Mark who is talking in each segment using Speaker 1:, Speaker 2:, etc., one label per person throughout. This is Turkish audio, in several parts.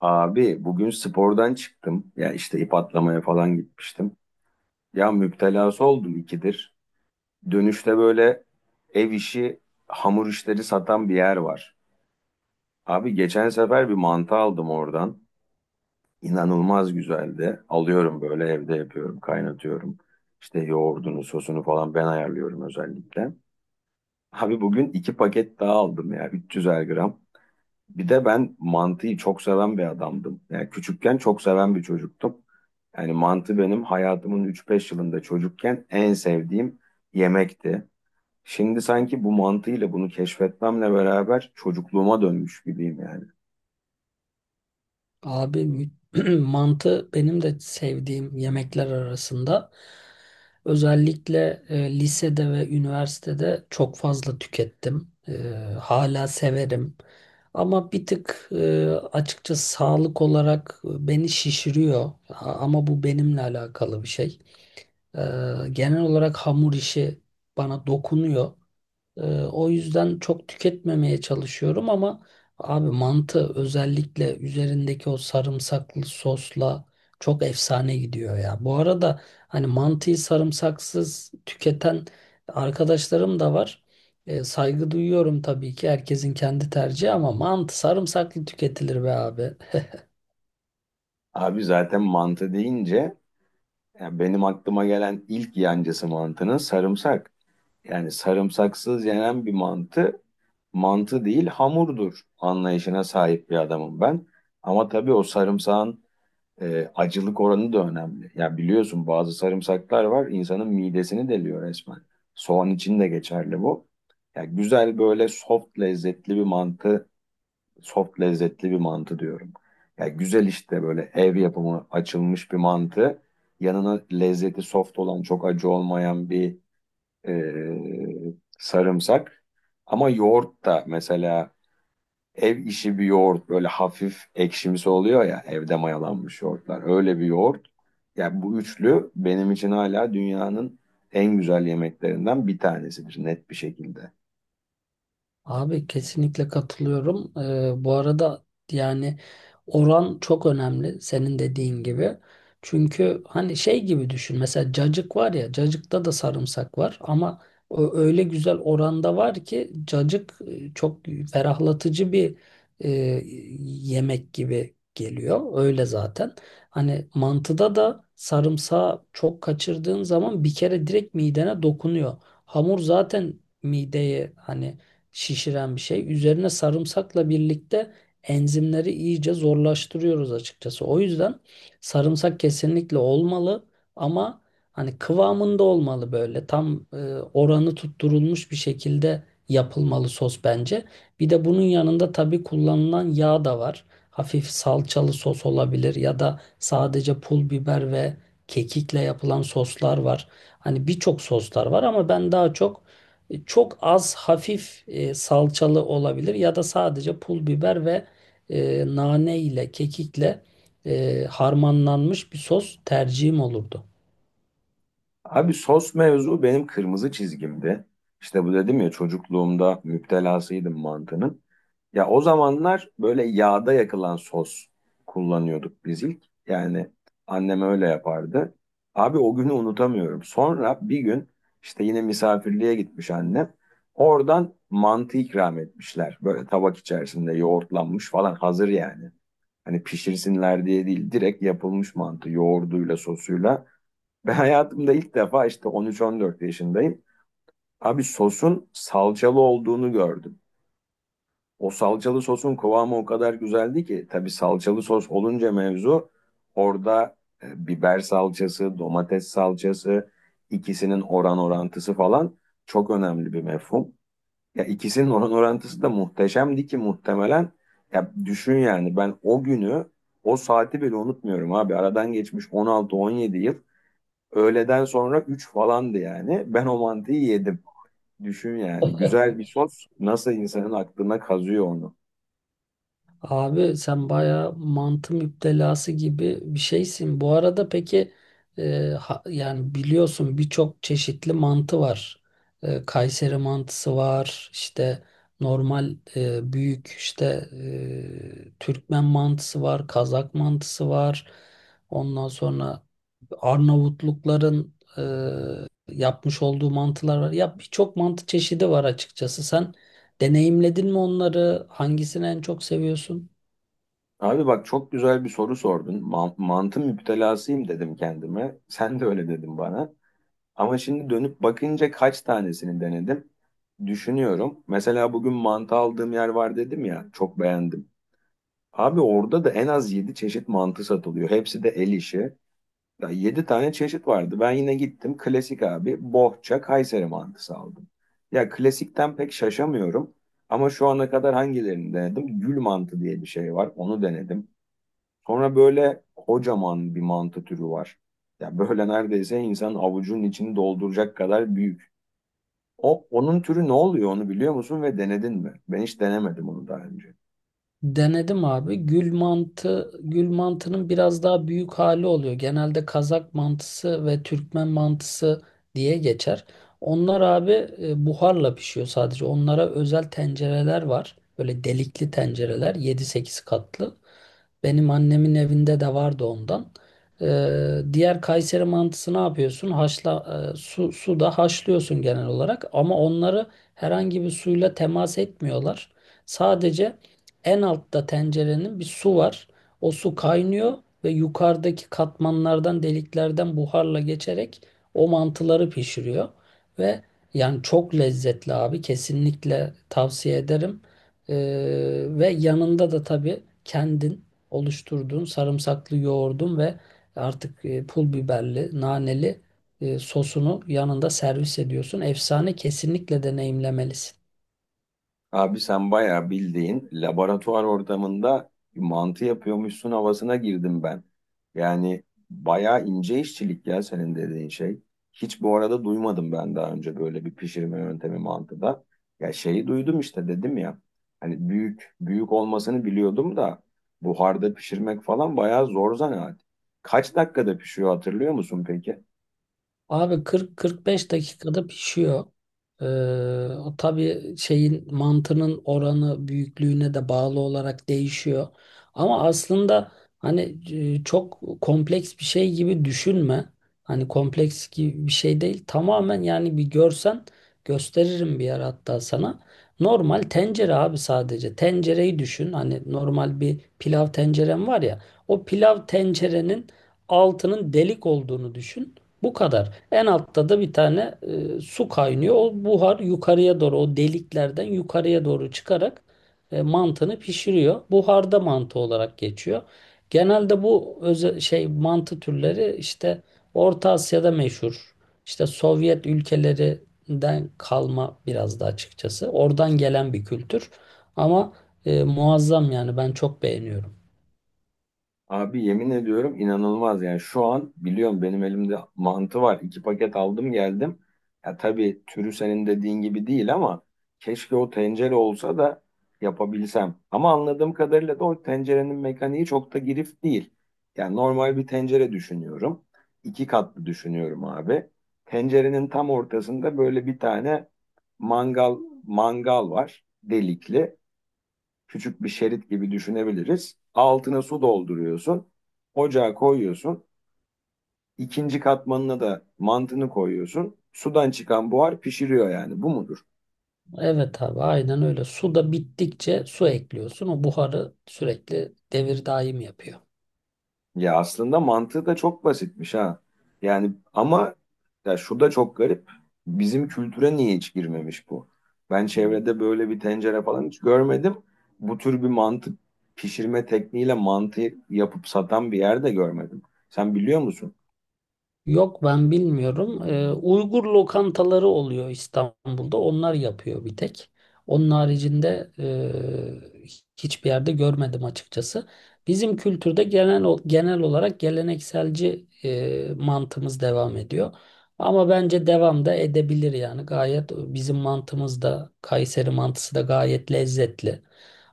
Speaker 1: Abi bugün spordan çıktım. Ya işte ip atlamaya falan gitmiştim. Ya müptelası oldum ikidir. Dönüşte böyle ev işi, hamur işleri satan bir yer var. Abi geçen sefer bir mantı aldım oradan. İnanılmaz güzeldi. Alıyorum böyle evde yapıyorum, kaynatıyorum. İşte yoğurdunu, sosunu falan ben ayarlıyorum özellikle. Abi bugün iki paket daha aldım ya 300'er gram. Bir de ben mantıyı çok seven bir adamdım. Yani küçükken çok seven bir çocuktum. Yani mantı benim hayatımın üç beş yılında çocukken en sevdiğim yemekti. Şimdi sanki bu mantıyla bunu keşfetmemle beraber çocukluğuma dönmüş gibiyim yani.
Speaker 2: Abi mantı benim de sevdiğim yemekler arasında. Özellikle lisede ve üniversitede çok fazla tükettim. Hala severim. Ama bir tık açıkçası sağlık olarak beni şişiriyor. Ama bu benimle alakalı bir şey. E, Genel olarak hamur işi bana dokunuyor. O yüzden çok tüketmemeye çalışıyorum ama abi mantı özellikle üzerindeki o sarımsaklı sosla çok efsane gidiyor ya. Bu arada hani mantıyı sarımsaksız tüketen arkadaşlarım da var. Saygı duyuyorum tabii ki, herkesin kendi tercihi, ama mantı sarımsaklı tüketilir be abi.
Speaker 1: Abi zaten mantı deyince yani benim aklıma gelen ilk yancısı mantının sarımsak. Yani sarımsaksız yenen bir mantı mantı değil hamurdur anlayışına sahip bir adamım ben. Ama tabii o sarımsağın acılık oranı da önemli. Ya biliyorsun bazı sarımsaklar var insanın midesini deliyor resmen. Soğan için de geçerli bu. Ya güzel böyle soft lezzetli bir mantı, soft lezzetli bir mantı diyorum. Ya güzel işte böyle ev yapımı açılmış bir mantı. Yanına lezzeti soft olan çok acı olmayan bir sarımsak. Ama yoğurt da mesela ev işi bir yoğurt böyle hafif ekşimsi oluyor ya evde mayalanmış yoğurtlar. Öyle bir yoğurt. Ya bu üçlü benim için hala dünyanın en güzel yemeklerinden bir tanesidir net bir şekilde.
Speaker 2: Abi kesinlikle katılıyorum. Bu arada yani oran çok önemli, senin dediğin gibi. Çünkü hani şey gibi düşün. Mesela cacık var ya, cacıkta da sarımsak var ama o öyle güzel oranda var ki cacık çok ferahlatıcı bir e, yemek gibi geliyor. Öyle zaten. Hani mantıda da sarımsağı çok kaçırdığın zaman bir kere direkt midene dokunuyor. Hamur zaten mideye hani şişiren bir şey. Üzerine sarımsakla birlikte enzimleri iyice zorlaştırıyoruz açıkçası. O yüzden sarımsak kesinlikle olmalı ama hani kıvamında olmalı, böyle tam oranı tutturulmuş bir şekilde yapılmalı sos bence. Bir de bunun yanında tabii kullanılan yağ da var. Hafif salçalı sos olabilir ya da sadece pul biber ve kekikle yapılan soslar var. Hani birçok soslar var ama ben daha çok çok az hafif salçalı olabilir ya da sadece pul biber ve nane ile kekikle harmanlanmış bir sos tercihim olurdu.
Speaker 1: Abi sos mevzu benim kırmızı çizgimdi. İşte bu dedim ya çocukluğumda müptelasıydım mantının. Ya o zamanlar böyle yağda yakılan sos kullanıyorduk biz ilk. Yani annem öyle yapardı. Abi o günü unutamıyorum. Sonra bir gün işte yine misafirliğe gitmiş annem. Oradan mantı ikram etmişler. Böyle tabak içerisinde yoğurtlanmış falan hazır yani. Hani pişirsinler diye değil direkt yapılmış mantı yoğurduyla sosuyla. Ben hayatımda ilk defa işte 13-14 yaşındayım. Abi sosun salçalı olduğunu gördüm. O salçalı sosun kıvamı o kadar güzeldi ki tabii salçalı sos olunca mevzu orada biber salçası, domates salçası ikisinin oran orantısı falan çok önemli bir mefhum. Ya ikisinin oran orantısı da muhteşemdi ki muhtemelen ya düşün yani ben o günü o saati bile unutmuyorum abi. Aradan geçmiş 16-17 yıl. Öğleden sonra 3 falandı yani. Ben o mantıyı yedim. Düşün yani. Güzel bir sos nasıl insanın aklına kazıyor onu.
Speaker 2: Abi sen bayağı mantı müptelası gibi bir şeysin. Bu arada peki yani biliyorsun birçok çeşitli mantı var. Kayseri mantısı var, işte normal büyük işte Türkmen mantısı var, Kazak mantısı var. Ondan sonra Arnavutlukların yapmış olduğu mantılar var. Ya birçok mantı çeşidi var açıkçası. Sen deneyimledin mi onları? Hangisini en çok seviyorsun?
Speaker 1: Abi bak çok güzel bir soru sordun. Mantı müptelasıyım dedim kendime. Sen de öyle dedin bana. Ama şimdi dönüp bakınca kaç tanesini denedim? Düşünüyorum. Mesela bugün mantı aldığım yer var dedim ya. Çok beğendim. Abi orada da en az 7 çeşit mantı satılıyor. Hepsi de el işi. Ya 7 tane çeşit vardı. Ben yine gittim klasik abi bohça Kayseri mantısı aldım. Ya klasikten pek şaşamıyorum. Ama şu ana kadar hangilerini denedim? Gül mantı diye bir şey var. Onu denedim. Sonra böyle kocaman bir mantı türü var. Ya böyle neredeyse insan avucunun içini dolduracak kadar büyük. O onun türü ne oluyor onu biliyor musun ve denedin mi? Ben hiç denemedim onu daha önce.
Speaker 2: Denedim abi. Gül mantı, gül mantının biraz daha büyük hali oluyor. Genelde Kazak mantısı ve Türkmen mantısı diye geçer. Onlar abi buharla pişiyor sadece. Onlara özel tencereler var. Böyle delikli tencereler, yedi sekiz katlı. Benim annemin evinde de vardı ondan. Diğer, Kayseri mantısı ne yapıyorsun? Haşla, suda haşlıyorsun genel olarak, ama onları herhangi bir suyla temas etmiyorlar. Sadece en altta tencerenin bir su var. O su kaynıyor ve yukarıdaki katmanlardan, deliklerden buharla geçerek o mantıları pişiriyor. Ve yani çok lezzetli abi. Kesinlikle tavsiye ederim. Ee, Ve yanında da tabii kendin oluşturduğun sarımsaklı yoğurdun ve artık pul biberli, naneli sosunu yanında servis ediyorsun. Efsane, kesinlikle deneyimlemelisin.
Speaker 1: Abi sen bayağı bildiğin laboratuvar ortamında mantı yapıyormuşsun havasına girdim ben. Yani bayağı ince işçilik ya senin dediğin şey. Hiç bu arada duymadım ben daha önce böyle bir pişirme yöntemi mantıda. Ya şeyi duydum işte dedim ya. Hani büyük büyük olmasını biliyordum da buharda pişirmek falan bayağı zor zanaat. Kaç dakikada pişiyor hatırlıyor musun peki?
Speaker 2: Abi 40-45 dakikada pişiyor. Ee, O tabii şeyin, mantının oranı büyüklüğüne de bağlı olarak değişiyor. Ama aslında hani çok kompleks bir şey gibi düşünme. Hani kompleks gibi bir şey değil. Tamamen, yani bir görsen gösteririm bir yer hatta sana. Normal tencere abi, sadece. Tencereyi düşün. Hani normal bir pilav tencerem var ya. O pilav tencerenin altının delik olduğunu düşün. Bu kadar. En altta da bir tane su kaynıyor. O buhar yukarıya doğru, o deliklerden yukarıya doğru çıkarak mantını pişiriyor. Buharda mantı olarak geçiyor. Genelde bu özel şey mantı türleri işte Orta Asya'da meşhur. İşte Sovyet ülkelerinden kalma biraz da açıkçası. Oradan gelen bir kültür. Ama muazzam, yani ben çok beğeniyorum.
Speaker 1: Abi yemin ediyorum inanılmaz yani şu an biliyorum benim elimde mantı var. İki paket aldım geldim. Ya tabii türü senin dediğin gibi değil ama keşke o tencere olsa da yapabilsem. Ama anladığım kadarıyla da o tencerenin mekaniği çok da girift değil. Yani normal bir tencere düşünüyorum. İki katlı düşünüyorum abi. Tencerenin tam ortasında böyle bir tane mangal mangal var delikli küçük bir şerit gibi düşünebiliriz. Altına su dolduruyorsun. Ocağa koyuyorsun. İkinci katmanına da mantını koyuyorsun. Sudan çıkan buhar pişiriyor yani. Bu mudur?
Speaker 2: Evet abi, aynen öyle. Su da bittikçe su ekliyorsun. O buharı sürekli devir daim yapıyor.
Speaker 1: Ya aslında mantığı da çok basitmiş ha. Yani ama ya şu da çok garip. Bizim kültüre niye hiç girmemiş bu? Ben çevrede böyle bir tencere falan hiç görmedim. Bu tür bir mantı pişirme tekniğiyle mantı yapıp satan bir yer de görmedim. Sen biliyor musun?
Speaker 2: Yok, ben bilmiyorum. Uygur lokantaları oluyor İstanbul'da. Onlar yapıyor bir tek. Onun haricinde e, hiçbir yerde görmedim açıkçası. Bizim kültürde genel genel olarak gelenekselci mantığımız devam ediyor. Ama bence devam da edebilir yani. Gayet bizim mantımız da Kayseri mantısı da gayet lezzetli.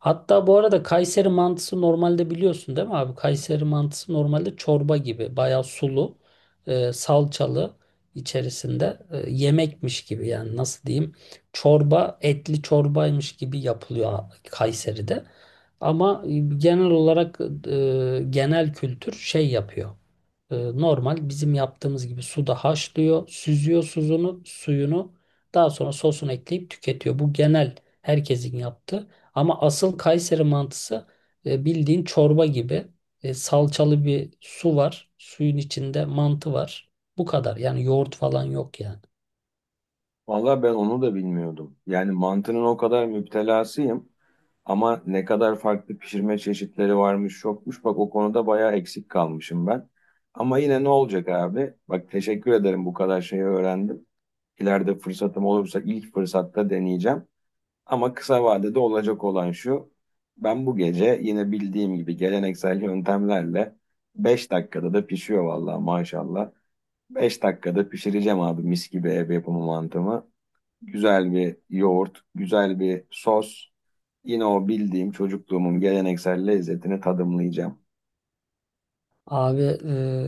Speaker 2: Hatta bu arada Kayseri mantısı normalde biliyorsun, değil mi abi? Kayseri mantısı normalde çorba gibi, bayağı sulu salçalı içerisinde yemekmiş gibi, yani nasıl diyeyim, çorba, etli çorbaymış gibi yapılıyor Kayseri'de. Ama genel olarak genel kültür şey yapıyor. Normal bizim yaptığımız gibi suda haşlıyor, süzüyor suyunu. Daha sonra sosunu ekleyip tüketiyor. Bu genel herkesin yaptığı. Ama asıl Kayseri mantısı bildiğin çorba gibi. Salçalı bir su var. Suyun içinde mantı var. Bu kadar. Yani yoğurt falan yok yani.
Speaker 1: Vallahi ben onu da bilmiyordum. Yani mantının o kadar müptelasıyım ama ne kadar farklı pişirme çeşitleri varmış yokmuş. Bak o konuda bayağı eksik kalmışım ben. Ama yine ne olacak abi? Bak teşekkür ederim bu kadar şeyi öğrendim. İleride fırsatım olursa ilk fırsatta deneyeceğim. Ama kısa vadede olacak olan şu. Ben bu gece yine bildiğim gibi geleneksel yöntemlerle 5 dakikada da pişiyor vallahi maşallah. 5 dakikada pişireceğim abi mis gibi ev yapımı mantımı. Güzel bir yoğurt, güzel bir sos. Yine o bildiğim çocukluğumun geleneksel lezzetini tadımlayacağım.
Speaker 2: Abi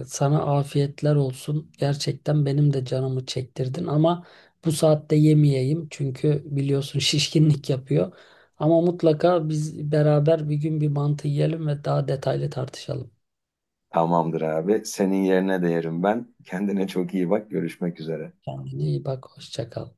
Speaker 2: sana afiyetler olsun. Gerçekten benim de canımı çektirdin ama bu saatte yemeyeyim, çünkü biliyorsun şişkinlik yapıyor. Ama mutlaka biz beraber bir gün bir mantı yiyelim ve daha detaylı tartışalım.
Speaker 1: Tamamdır abi. Senin yerine de yerim ben. Kendine çok iyi bak. Görüşmek üzere.
Speaker 2: Kendine iyi bak, hoşça kal.